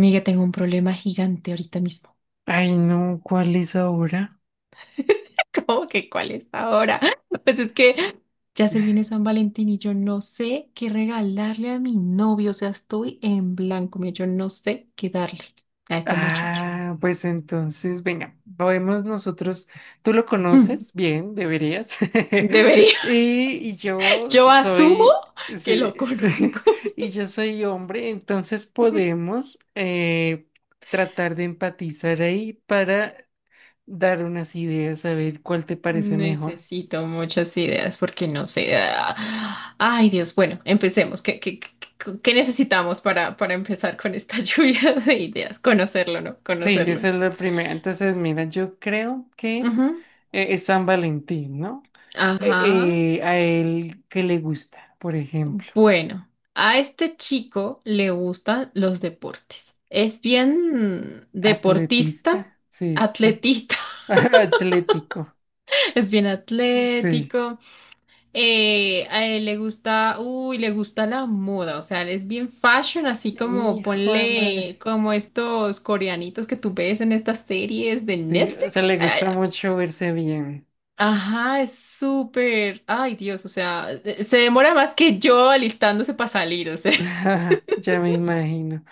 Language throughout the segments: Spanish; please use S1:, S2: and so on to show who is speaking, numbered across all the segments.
S1: Miga, tengo un problema gigante ahorita mismo.
S2: Ay, no, ¿cuál es ahora?
S1: ¿Cómo que cuál es ahora? Pues es que ya se viene San Valentín y yo no sé qué regalarle a mi novio. O sea, estoy en blanco. Mira, yo no sé qué darle a este muchacho.
S2: Ah, pues entonces, venga, podemos nosotros, tú lo
S1: Mm.
S2: conoces bien, deberías.
S1: Debería.
S2: Y yo
S1: Yo asumo
S2: soy,
S1: que
S2: sí,
S1: lo conozco.
S2: y yo soy hombre, entonces podemos tratar de empatizar ahí para dar unas ideas, a ver cuál te parece mejor.
S1: Necesito muchas ideas porque no sé. Ay, Dios. Bueno, empecemos. ¿Qué necesitamos para empezar con esta lluvia de ideas? Conocerlo, ¿no?
S2: Sí,
S1: Conocerlo.
S2: esa es la primera. Entonces, mira, yo creo que
S1: Ujú.
S2: es San Valentín, ¿no? Eh,
S1: Ajá.
S2: a él que le gusta, por ejemplo,
S1: Bueno, a este chico le gustan los deportes. Es bien deportista,
S2: atletista, sí,
S1: atletista,
S2: atlético,
S1: es bien
S2: sí.
S1: atlético. A él le gusta, uy, le gusta la moda, o sea, él es bien fashion, así como
S2: Hijo de madre,
S1: ponle como estos coreanitos que tú ves en estas series de
S2: sí, o sea,
S1: Netflix.
S2: le gusta
S1: Ah.
S2: mucho verse bien.
S1: Ajá, es súper. Ay, Dios, o sea, se demora más que yo alistándose para salir, o sea.
S2: Ya me imagino.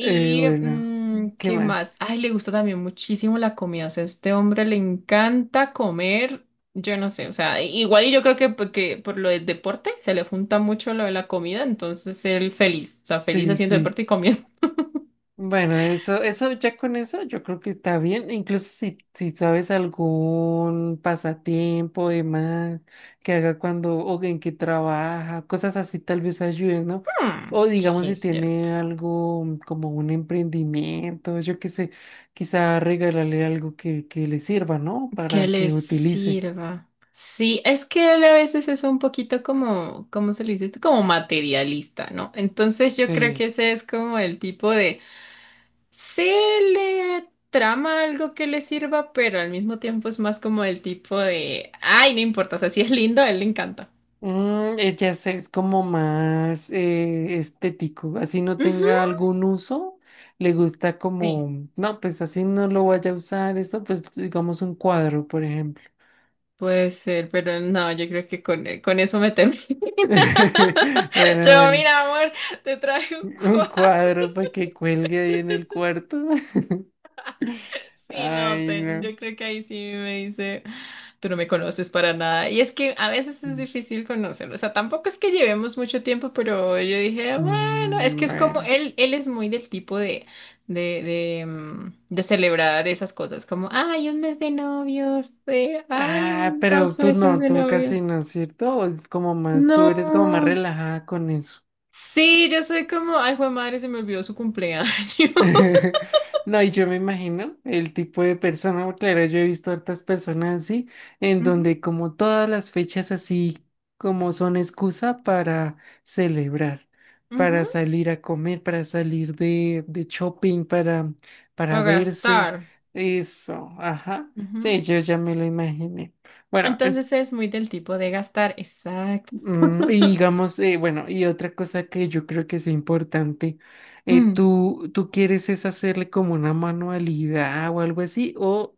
S2: Bueno, ¿qué
S1: ¿qué más?
S2: más?
S1: Ay, le gusta también muchísimo la comida. O sea, a este hombre le encanta comer. Yo no sé, o sea, igual y yo creo que porque por lo del deporte se le junta mucho lo de la comida, entonces él feliz, o sea, feliz
S2: Sí,
S1: haciendo deporte
S2: sí.
S1: y comiendo.
S2: Bueno, eso ya con eso yo creo que está bien, incluso si sabes algún pasatiempo, demás, que haga cuando, o en que trabaja, cosas así tal vez ayuden, ¿no?
S1: Mm,
S2: O digamos
S1: sí,
S2: si
S1: es cierto.
S2: tiene algo como un emprendimiento, yo qué sé, quizá regalarle algo que le sirva, ¿no?
S1: Que
S2: Para
S1: le
S2: que utilice.
S1: sirva. Sí, es que él a veces es un poquito como, ¿cómo se le dice esto? Como materialista, ¿no? Entonces yo creo que
S2: Sí.
S1: ese es como el tipo de. Se le trama algo que le sirva, pero al mismo tiempo es más como el tipo de, ay, no importa, o sea, si es lindo, a él le encanta.
S2: Ya sé, es como más estético, así no tenga
S1: Ujú.
S2: algún uso, le gusta
S1: Sí,
S2: como, no, pues así no lo vaya a usar, esto pues digamos un cuadro, por ejemplo.
S1: puede ser, pero no, yo creo que con eso me temo. Yo,
S2: Bueno,
S1: mira, amor, te traje un
S2: un
S1: cuadro.
S2: cuadro para que cuelgue ahí en el cuarto.
S1: Sí, no,
S2: Ay, no.
S1: yo creo que ahí sí me dice, tú no me conoces para nada. Y es que a veces es difícil conocerlo. O sea, tampoco es que llevemos mucho tiempo, pero yo dije, bueno, es
S2: Mm,
S1: que es como,
S2: bueno.
S1: él es muy del tipo de, de celebrar esas cosas, como, ay, un mes de novios, de, ay,
S2: Ah,
S1: un,
S2: pero
S1: dos
S2: tú
S1: meses
S2: no,
S1: de
S2: tú
S1: novios.
S2: casi no, ¿cierto? O es como más, tú eres como más
S1: No.
S2: relajada con eso.
S1: Sí, yo soy como, ay, jue madre, se me olvidó su cumpleaños.
S2: No, y yo me imagino el tipo de persona, porque claro, yo he visto hartas personas así, en
S1: Ujú,
S2: donde como todas las fechas así como son excusa para celebrar,
S1: ujú.
S2: para salir a comer, para salir de shopping, para
S1: Para
S2: verse,
S1: gastar.
S2: eso, ajá.
S1: Ujú.
S2: Sí, yo ya me lo imaginé. Bueno.
S1: Entonces es muy del tipo de gastar. Exacto.
S2: Y digamos, bueno, y otra cosa que yo creo que es importante,
S1: Mm.
S2: ¿tú, tú quieres es hacerle como una manualidad o algo así? O,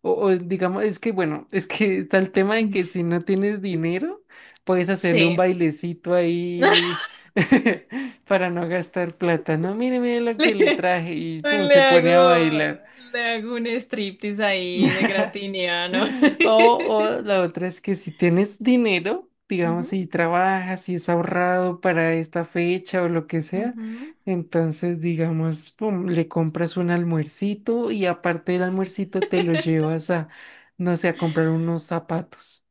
S2: o, O digamos, es que bueno, es que está el tema de que si no tienes dinero, puedes hacerle un
S1: Sí.
S2: bailecito ahí para no gastar plata, ¿no? Mire, mire lo
S1: Le,
S2: que le traje y pum,
S1: le
S2: se
S1: hago,
S2: pone a bailar.
S1: le hago un striptease ahí de gratiniano.
S2: O, o la otra es que si tienes dinero, digamos,
S1: Ujú,
S2: si trabajas, si es ahorrado para esta fecha o lo que sea,
S1: ujú.
S2: entonces, digamos, pum, le compras un almuercito y aparte del almuercito te lo llevas a, no sé, a comprar unos zapatos.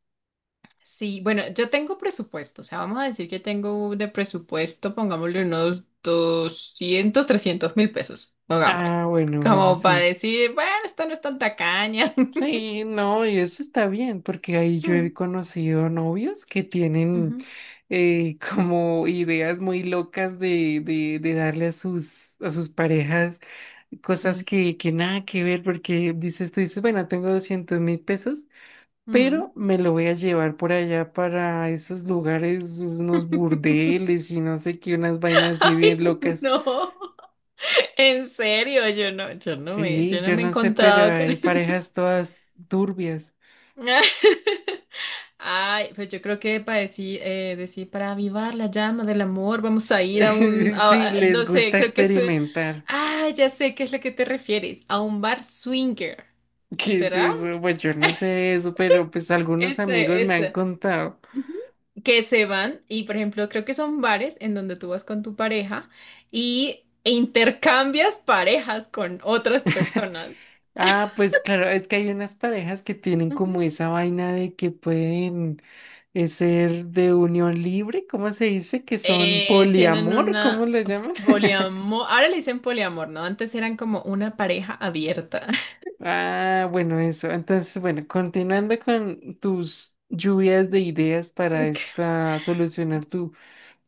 S1: Sí, bueno, yo tengo presupuesto, o sea, vamos a decir que tengo de presupuesto, pongámosle unos 200.000, 300.000 pesos, pongámosle,
S2: Ah, bueno,
S1: como para
S2: sí.
S1: decir, bueno, esta no es tan tacaña.
S2: Sí, no, y eso está bien, porque ahí yo he
S1: Mm,
S2: conocido novios que tienen
S1: ujú.
S2: como ideas muy locas de darle a a sus parejas cosas
S1: Sí.
S2: que nada que ver, porque dices, tú dices, bueno, tengo 200.000 pesos,
S1: Mm.
S2: pero me lo voy a llevar por allá para esos lugares, unos burdeles y no sé qué, unas vainas así
S1: Ay,
S2: bien locas.
S1: no. En serio, yo no, yo no me,
S2: Sí,
S1: yo no
S2: yo
S1: me he
S2: no sé, pero
S1: encontrado con
S2: hay
S1: él.
S2: parejas todas turbias.
S1: Ay, pues yo creo que para decir, decir, para avivar la llama del amor, vamos a ir a un,
S2: Sí, les
S1: no sé,
S2: gusta
S1: creo que es,
S2: experimentar.
S1: ya sé qué es lo que te refieres, a un bar swinger,
S2: ¿Qué es
S1: ¿será?
S2: eso? Pues yo no sé eso, pero pues algunos amigos
S1: Ese,
S2: me han
S1: ese.
S2: contado.
S1: Ujú. Que se van y, por ejemplo, creo que son bares en donde tú vas con tu pareja y e intercambias parejas con otras personas.
S2: Ah, pues claro, es que hay unas parejas que tienen
S1: Ujú.
S2: como esa vaina de que pueden es ser de unión libre, ¿cómo se dice? Que son
S1: Tienen
S2: poliamor, ¿cómo
S1: una
S2: lo llaman?
S1: poliamor. Ahora le dicen poliamor, ¿no? Antes eran como una pareja abierta.
S2: Ah, bueno, eso. Entonces, bueno, continuando con tus lluvias de ideas para esta solucionar tu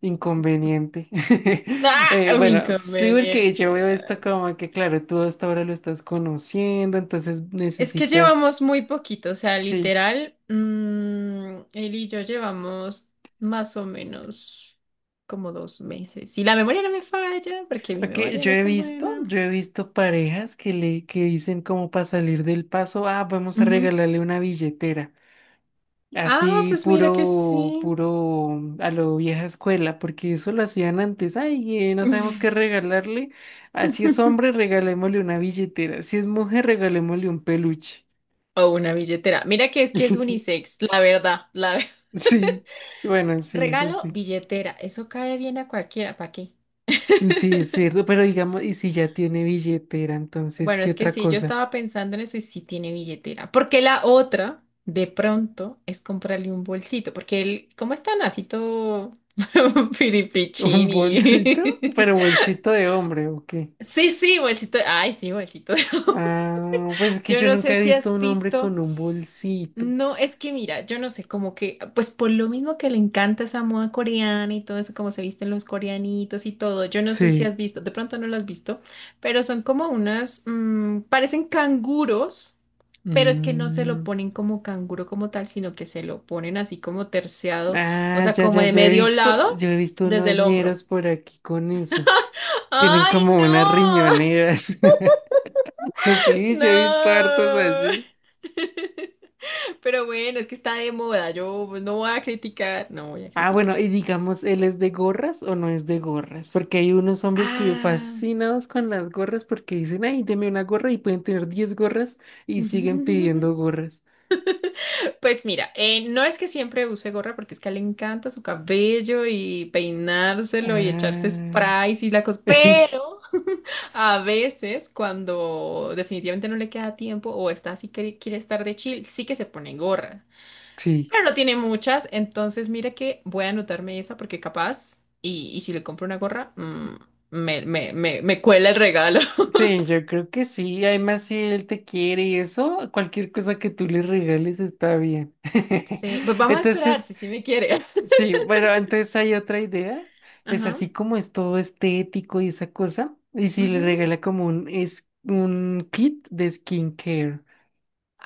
S2: inconveniente.
S1: ¡Ah! Un
S2: Bueno, sí, porque
S1: inconveniente.
S2: yo veo esto como que, claro, tú hasta ahora lo estás conociendo, entonces
S1: Es que
S2: necesitas,
S1: llevamos muy poquito, o sea,
S2: sí.
S1: literal, él y yo llevamos más o menos como 2 meses. Y la memoria no me falla, porque mi
S2: Porque
S1: memoria no es tan buena.
S2: yo he visto parejas que dicen como para salir del paso, ah, vamos a
S1: Ujú.
S2: regalarle una billetera.
S1: Ah,
S2: Así
S1: pues mira que sí.
S2: puro a lo vieja escuela, porque eso lo hacían antes. Ay, no sabemos qué regalarle. Así es hombre, regalémosle una billetera. Si es mujer, regalémosle un peluche.
S1: O una billetera. Mira que es unisex, la verdad, la verdad.
S2: Sí, bueno, sí, eso
S1: Regalo,
S2: sí.
S1: billetera. Eso cae bien a cualquiera, ¿para qué?
S2: Sí, es cierto, pero digamos, y si ya tiene billetera, entonces,
S1: Bueno,
S2: ¿qué
S1: es que
S2: otra
S1: sí, yo
S2: cosa?
S1: estaba pensando en eso y sí tiene billetera. Porque la otra, de pronto, es comprarle un bolsito. Porque él, ¿cómo está así todo
S2: ¿Un
S1: piripichín
S2: bolsito?
S1: y...
S2: Pero bolsito de hombre, ¿o qué?
S1: Sí, sí, bolsito. Ay, sí, bolsito.
S2: Ah, pues es que
S1: Yo
S2: yo
S1: no
S2: nunca
S1: sé
S2: he
S1: si
S2: visto a
S1: has
S2: un hombre
S1: visto.
S2: con un bolsito.
S1: No, es que mira, yo no sé, como que, pues por lo mismo que le encanta esa moda coreana y todo eso, como se visten los coreanitos y todo, yo no sé si
S2: Sí.
S1: has visto, de pronto no lo has visto, pero son como unas, parecen canguros, pero es que no se lo
S2: Mm.
S1: ponen como canguro como tal, sino que se lo ponen así como terciado, o
S2: Ah,
S1: sea,
S2: ya,
S1: como
S2: ya,
S1: de medio lado,
S2: yo he visto
S1: desde
S2: unos
S1: el hombro.
S2: ñeros por aquí con eso. Tienen
S1: ¡Ay,
S2: como unas
S1: no!
S2: riñoneras. Sí, yo he visto hartos
S1: ¡No!
S2: así.
S1: Pero bueno, es que está de moda, yo pues, no voy a criticar, no voy a
S2: Ah, bueno,
S1: criticar.
S2: y digamos, ¿él es de gorras o no es de gorras? Porque hay unos hombres que
S1: Ah.
S2: fascinados con las gorras porque dicen, ay, deme una gorra y pueden tener 10 gorras y siguen pidiendo gorras.
S1: Pues mira, no es que siempre use gorra porque es que a él le encanta su cabello y peinárselo y echarse
S2: Ah,
S1: sprays y la cosa, pero a veces cuando definitivamente no le queda tiempo o está así que quiere estar de chill, sí que se pone gorra,
S2: sí.
S1: pero no tiene muchas, entonces mira que voy a anotarme esa porque capaz y si le compro una gorra, me cuela el regalo.
S2: Sí, yo creo que sí. Además, si él te quiere y eso, cualquier cosa que tú le regales está bien.
S1: Sí, pues vamos a esperar
S2: Entonces,
S1: si sí me quiere.
S2: sí, bueno, entonces hay otra idea. Pues
S1: Ajá.
S2: así como es todo estético y esa cosa, y si le
S1: Ujú.
S2: regala como un, es, un kit de skincare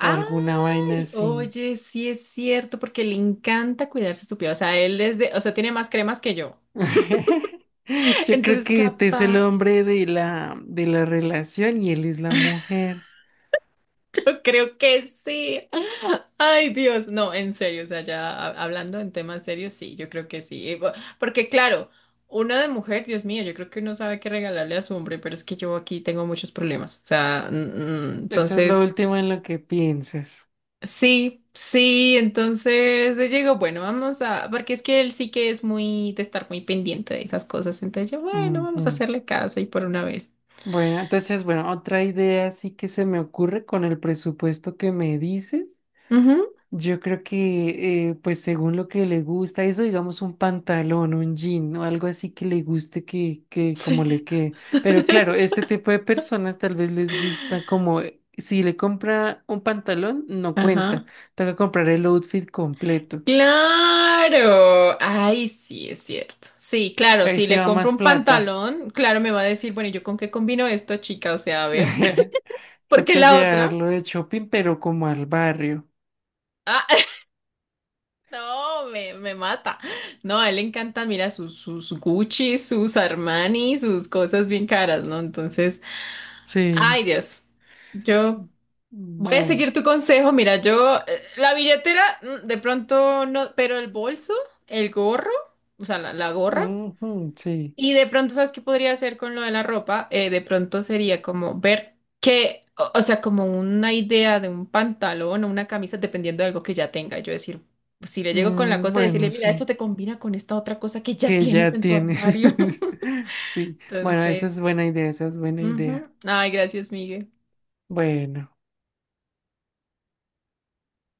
S2: o alguna vaina así.
S1: oye, sí es cierto, porque le encanta cuidarse su piel. O sea, él es de, o sea, tiene más cremas que yo.
S2: Yo creo
S1: Entonces,
S2: que este es el
S1: capaz,
S2: hombre de la relación y él es la mujer.
S1: yo creo que sí. Ay, Dios, no, en serio, o sea, ya hablando en temas serios, sí, yo creo que sí. Porque claro, uno de mujer, Dios mío, yo creo que uno sabe qué regalarle a su hombre, pero es que yo aquí tengo muchos problemas. O sea,
S2: Eso es lo
S1: entonces.
S2: último en lo que piensas.
S1: Sí, sí, entonces yo digo, bueno, vamos a, porque es que él sí que es muy de estar muy pendiente de esas cosas, entonces yo, bueno, vamos a
S2: Ujú.
S1: hacerle caso y por una vez.
S2: Bueno, entonces, bueno, otra idea así que se me ocurre con el presupuesto que me dices.
S1: Ujú,
S2: Yo creo que, pues según lo que le gusta, eso digamos un pantalón, un jean o algo así que le guste que como
S1: sí.
S2: le quede. Pero claro, este tipo de personas tal vez les gusta como, si le compra un pantalón, no cuenta.
S1: Ajá.
S2: Toca comprar el outfit completo.
S1: Claro. Ay, sí, es cierto. Sí, claro,
S2: Ahí
S1: si
S2: se
S1: le
S2: va
S1: compro
S2: más
S1: un
S2: plata.
S1: pantalón, claro, me va a decir, bueno, ¿y yo con qué combino esto, chica? O sea, a ver, porque
S2: Toca
S1: la otra,
S2: llevarlo de shopping, pero como al barrio.
S1: ah, no, me mata. No, a él le encanta. Mira, sus Gucci, sus Armani, sus cosas bien caras, ¿no? Entonces,
S2: Sí.
S1: ay, Dios, yo voy a
S2: Bueno,
S1: seguir tu consejo. Mira, yo, la billetera, de pronto no, pero el bolso, el gorro, o sea, la gorra.
S2: ujú, sí.
S1: Y de pronto, ¿sabes qué podría hacer con lo de la ropa? De pronto sería como ver qué, o sea, como una idea de un pantalón o una camisa, dependiendo de algo que ya tenga. Yo decir, si le llego con la
S2: Mm,
S1: cosa,
S2: bueno,
S1: decirle, mira,
S2: sí.
S1: esto te combina con esta otra cosa que ya
S2: Que
S1: tienes
S2: ya
S1: en tu
S2: tienes.
S1: armario.
S2: Sí. Bueno, esa
S1: Entonces,
S2: es buena idea, esa es buena
S1: ujú.
S2: idea.
S1: Ay, gracias, Miguel.
S2: Bueno.